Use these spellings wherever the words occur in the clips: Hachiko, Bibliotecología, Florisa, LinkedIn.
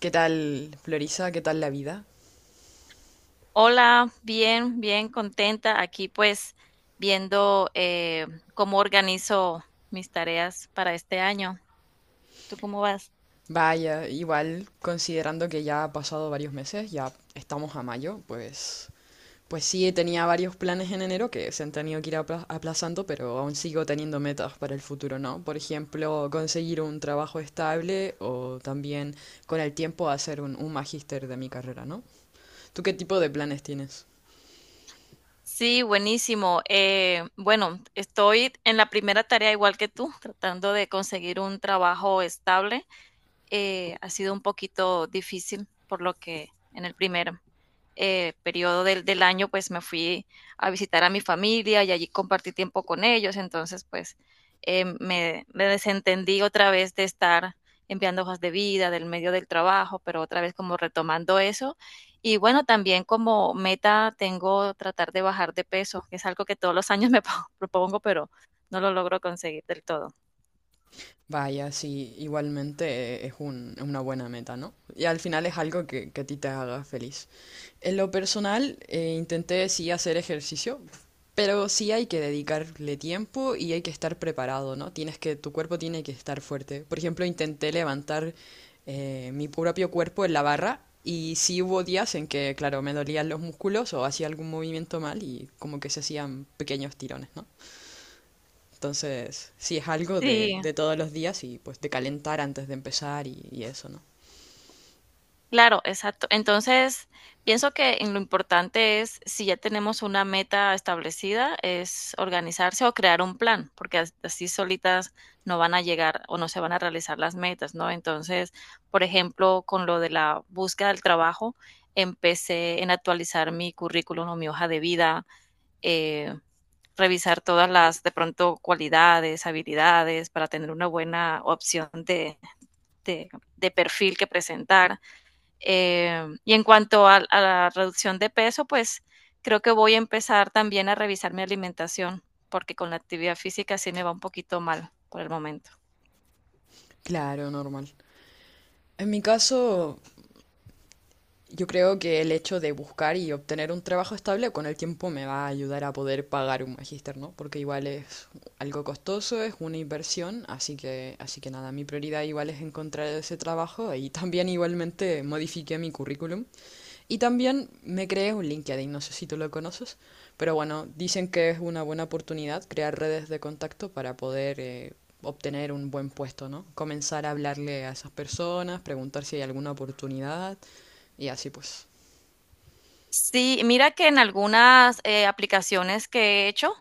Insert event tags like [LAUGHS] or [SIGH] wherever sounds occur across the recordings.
¿Qué tal, Florisa? ¿Qué tal la vida? Hola, bien, bien contenta. Aquí pues viendo cómo organizo mis tareas para este año. ¿Tú cómo vas? Vaya, igual, considerando que ya ha pasado varios meses, ya estamos a mayo, pues sí, tenía varios planes en enero que se han tenido que ir aplazando, pero aún sigo teniendo metas para el futuro, ¿no? Por ejemplo, conseguir un trabajo estable o también con el tiempo hacer un magíster de mi carrera, ¿no? ¿Tú qué tipo de planes tienes? Sí, buenísimo. Bueno, estoy en la primera tarea igual que tú, tratando de conseguir un trabajo estable. Ha sido un poquito difícil, por lo que en el primer periodo del año, pues me fui a visitar a mi familia y allí compartí tiempo con ellos. Entonces, pues me desentendí otra vez de estar enviando hojas de vida, del medio del trabajo, pero otra vez como retomando eso. Y bueno, también como meta tengo tratar de bajar de peso, que es algo que todos los años me [LAUGHS] propongo, pero no lo logro conseguir del todo. Vaya, sí, igualmente es es una buena meta, ¿no? Y al final es algo que a ti te haga feliz. En lo personal, intenté sí hacer ejercicio, pero sí hay que dedicarle tiempo y hay que estar preparado, ¿no? Tienes que, tu cuerpo tiene que estar fuerte. Por ejemplo, intenté levantar mi propio cuerpo en la barra y sí hubo días en que, claro, me dolían los músculos o hacía algún movimiento mal y como que se hacían pequeños tirones, ¿no? Entonces, sí, es algo Sí, de todos los días y pues de calentar antes de empezar y eso, ¿no? claro, exacto. Entonces, pienso que en lo importante es, si ya tenemos una meta establecida, es organizarse o crear un plan, porque así solitas no van a llegar o no se van a realizar las metas, ¿no? Entonces, por ejemplo, con lo de la búsqueda del trabajo, empecé en actualizar mi currículum o mi hoja de vida, eh, revisar todas las, de pronto, cualidades, habilidades para tener una buena opción de de perfil que presentar, y en cuanto a la reducción de peso, pues creo que voy a empezar también a revisar mi alimentación, porque con la actividad física sí me va un poquito mal por el momento. Claro, normal. En mi caso, yo creo que el hecho de buscar y obtener un trabajo estable con el tiempo me va a ayudar a poder pagar un magíster, ¿no? Porque igual es algo costoso, es una inversión, así que nada, mi prioridad igual es encontrar ese trabajo y también igualmente modifiqué mi currículum. Y también me creé un LinkedIn, no sé si tú lo conoces, pero bueno, dicen que es una buena oportunidad crear redes de contacto para poder obtener un buen puesto, ¿no? Comenzar a hablarle a esas personas, preguntar si hay alguna oportunidad y así pues. Sí, mira que en algunas, aplicaciones que he hecho,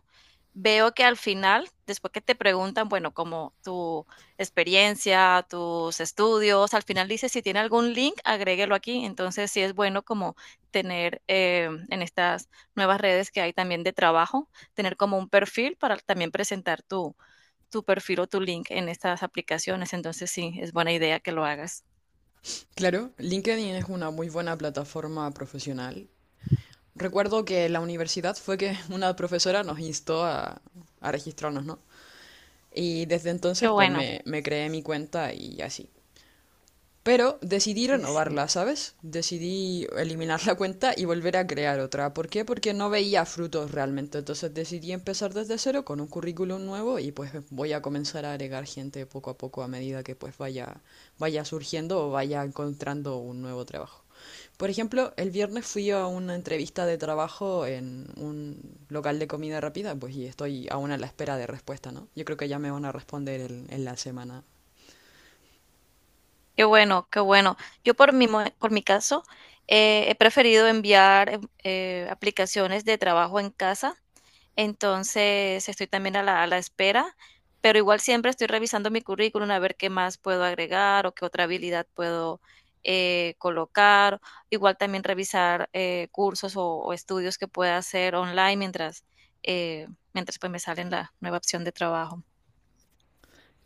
veo que al final, después que te preguntan, bueno, como tu experiencia, tus estudios, al final dice, si tiene algún link, agréguelo aquí. Entonces, sí es bueno como tener, en estas nuevas redes que hay también de trabajo, tener como un perfil para también presentar tu perfil o tu link en estas aplicaciones. Entonces, sí, es buena idea que lo hagas. Claro, LinkedIn es una muy buena plataforma profesional. Recuerdo que en la universidad fue que [LAUGHS] una profesora nos instó a registrarnos, ¿no? Y desde Qué entonces pues bueno. Me creé mi cuenta y así. Pero decidí Sí, sí. renovarla, ¿sabes? Decidí eliminar la cuenta y volver a crear otra. ¿Por qué? Porque no veía frutos realmente. Entonces decidí empezar desde cero con un currículum nuevo y pues voy a comenzar a agregar gente poco a poco a medida que pues vaya surgiendo o vaya encontrando un nuevo trabajo. Por ejemplo, el viernes fui a una entrevista de trabajo en un local de comida rápida, pues y estoy aún a la espera de respuesta, ¿no? Yo creo que ya me van a responder en la semana. Qué bueno, qué bueno. Yo por mi caso, he preferido enviar aplicaciones de trabajo en casa, entonces estoy también a la espera, pero igual siempre estoy revisando mi currículum a ver qué más puedo agregar o qué otra habilidad puedo colocar. Igual también revisar cursos o estudios que pueda hacer online mientras, eh, mientras pues me sale la nueva opción de trabajo.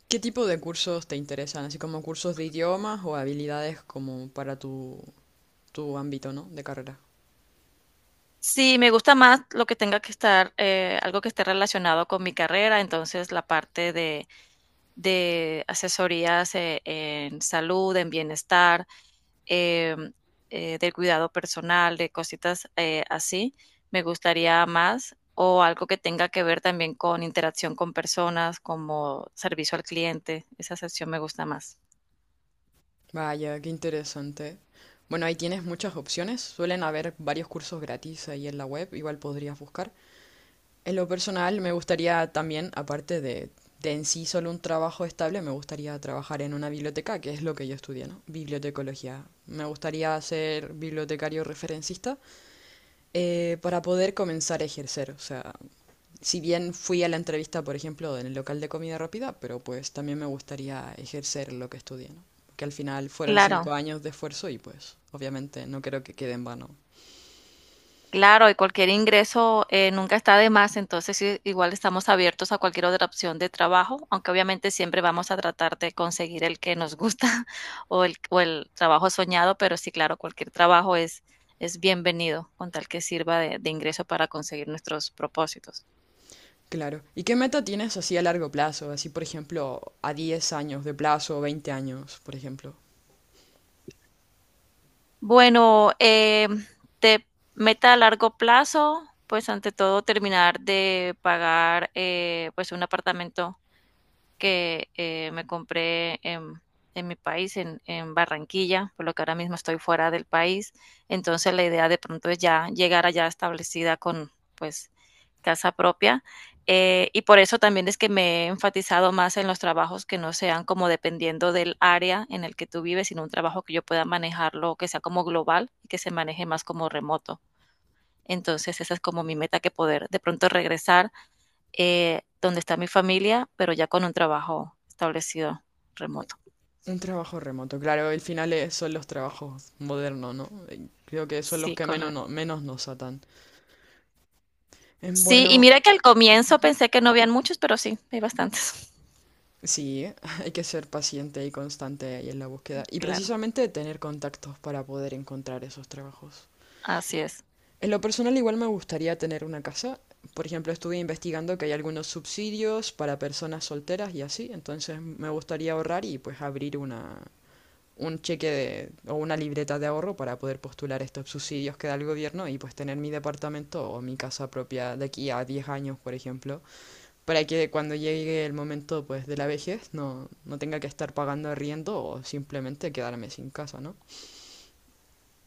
¿Qué tipo de cursos te interesan? Así como cursos de idiomas o habilidades como para tu ámbito, ¿no? De carrera. Sí, me gusta más lo que tenga que estar, algo que esté relacionado con mi carrera, entonces la parte de asesorías en salud, en bienestar, em, del cuidado personal, de cositas así, me gustaría más, o algo que tenga que ver también con interacción con personas, como servicio al cliente, esa sección me gusta más. Vaya, qué interesante. Bueno, ahí tienes muchas opciones. Suelen haber varios cursos gratis ahí en la web, igual podrías buscar. En lo personal, me gustaría también, aparte de en sí solo un trabajo estable, me gustaría trabajar en una biblioteca, que es lo que yo estudié, ¿no? Bibliotecología. Me gustaría ser bibliotecario referencista. Para poder comenzar a ejercer, o sea, si bien fui a la entrevista, por ejemplo, en el local de comida rápida, pero pues también me gustaría ejercer lo que estudié, ¿no? Que al final fueron cinco Claro. años de esfuerzo y pues obviamente no creo que quede en vano. Claro, y cualquier ingreso nunca está de más, entonces sí, igual estamos abiertos a cualquier otra opción de trabajo, aunque obviamente siempre vamos a tratar de conseguir el que nos gusta [LAUGHS] o el trabajo soñado, pero sí, claro, cualquier trabajo es bienvenido con tal que sirva de ingreso para conseguir nuestros propósitos. Claro. ¿Y qué meta tienes así a largo plazo? Así, por ejemplo, a 10 años de plazo, 20 años, por ejemplo. Bueno, de meta a largo plazo, pues ante todo terminar de pagar pues un apartamento que me compré en, en mi país, en Barranquilla, por lo que ahora mismo estoy fuera del país. Entonces la idea de pronto es ya llegar allá establecida con pues casa propia. Y por eso también es que me he enfatizado más en los trabajos que no sean como dependiendo del área en el que tú vives, sino un trabajo que yo pueda manejarlo, que sea como global y que se maneje más como remoto. Entonces esa es como mi meta que poder de pronto regresar donde está mi familia, pero ya con un trabajo establecido remoto. Un trabajo remoto. Claro, al final son los trabajos modernos, ¿no? Creo que son los Sí, que menos, correcto. Menos nos atan. Sí, y bueno. mira que al comienzo pensé que no habían muchos, pero sí, hay bastantes. [LAUGHS] Sí, [LAUGHS] hay que ser paciente y constante ahí en la búsqueda y Claro, precisamente tener contactos para poder encontrar esos trabajos. así es. En lo personal igual me gustaría tener una casa. Por ejemplo, estuve investigando que hay algunos subsidios para personas solteras y así, entonces me gustaría ahorrar y pues abrir una un cheque de, o una libreta de ahorro para poder postular estos subsidios que da el gobierno y pues tener mi departamento o mi casa propia de aquí a 10 años, por ejemplo, para que cuando llegue el momento pues de la vejez no, no tenga que estar pagando arriendo o simplemente quedarme sin casa, ¿no?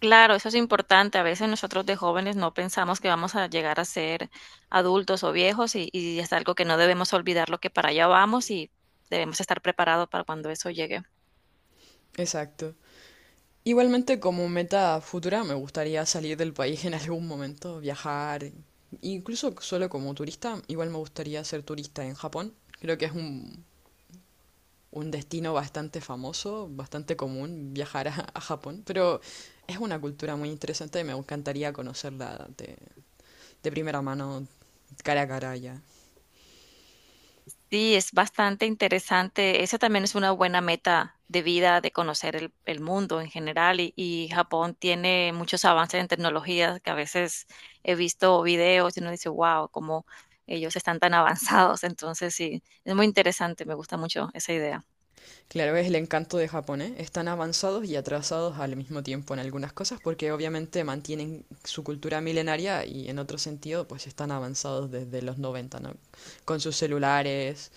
Claro, eso es importante. A veces nosotros de jóvenes no pensamos que vamos a llegar a ser adultos o viejos y es algo que no debemos olvidar lo que para allá vamos y debemos estar preparados para cuando eso llegue. Exacto. Igualmente como meta futura me gustaría salir del país en algún momento, viajar, incluso solo como turista, igual me gustaría ser turista en Japón. Creo que es un destino bastante famoso, bastante común viajar a Japón, pero es una cultura muy interesante y me encantaría conocerla de primera mano, cara a cara ya. Sí, es bastante interesante. Esa también es una buena meta de vida, de conocer el mundo en general. Y Japón tiene muchos avances en tecnología que a veces he visto videos y uno dice, wow, cómo ellos están tan [LAUGHS] avanzados. Entonces, sí, es muy interesante. Me gusta mucho esa idea. Claro, es el encanto de Japón, ¿eh? Están avanzados y atrasados al mismo tiempo en algunas cosas porque obviamente mantienen su cultura milenaria y en otro sentido pues están avanzados desde los 90, ¿no? Con sus celulares,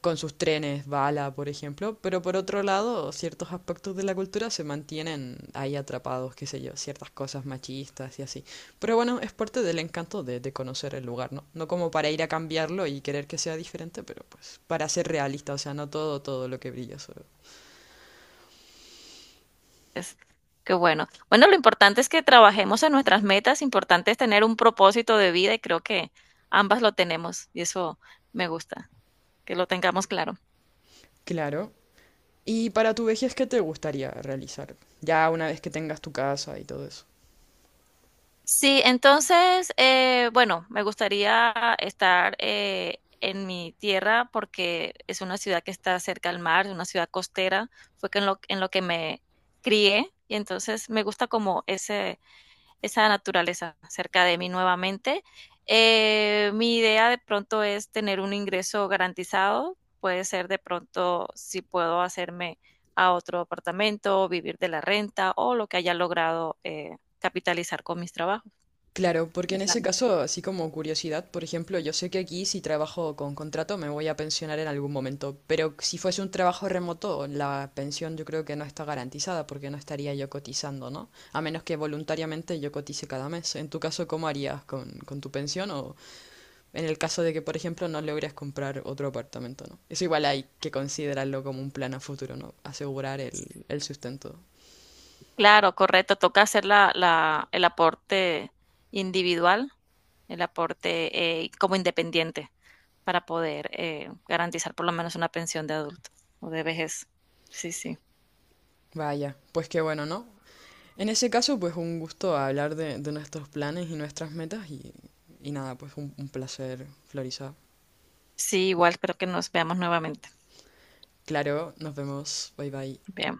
con sus trenes, bala, por ejemplo, pero por otro lado ciertos aspectos de la cultura se mantienen ahí atrapados, qué sé yo, ciertas cosas machistas y así. Pero bueno, es parte del encanto de conocer el lugar, ¿no? No como para ir a cambiarlo y querer que sea diferente, pero pues para ser realista, o sea, no todo, todo lo que brilla sobre. Es, qué bueno. Bueno, lo importante es que trabajemos en nuestras metas. Importante es tener un propósito de vida y creo que ambas lo tenemos y eso me gusta, que lo tengamos claro. Claro. ¿Y para tu vejez qué te gustaría realizar? Ya una vez que tengas tu casa y todo eso. Sí, entonces, bueno, me gustaría estar en mi tierra porque es una ciudad que está cerca al mar, es una ciudad costera, fue que en lo que me crié y entonces me gusta como ese, esa naturaleza cerca de mí nuevamente. Mi idea de pronto es tener un ingreso garantizado, puede ser de pronto si puedo hacerme a otro apartamento, vivir de la renta o lo que haya logrado capitalizar con mis trabajos. Claro, porque en Es la ese meta. caso, así como curiosidad, por ejemplo, yo sé que aquí si trabajo con contrato me voy a pensionar en algún momento, pero si fuese un trabajo remoto, la pensión yo creo que no está garantizada porque no estaría yo cotizando, ¿no? A menos que voluntariamente yo cotice cada mes. En tu caso, ¿cómo harías con tu pensión o, en el caso de que, por ejemplo, no logres comprar otro apartamento, ¿no? Eso igual hay que considerarlo como un plan a futuro, ¿no? Asegurar el sustento. Claro, correcto. Toca hacer el aporte individual, el aporte como independiente para poder garantizar por lo menos una pensión de adulto o de vejez. Sí, sí. Vaya, pues qué bueno, ¿no? En ese caso, pues un gusto hablar de nuestros planes y nuestras metas y nada, pues un placer, Florisa. Sí, igual espero que nos veamos nuevamente. Claro, nos vemos. Bye bye. Bien.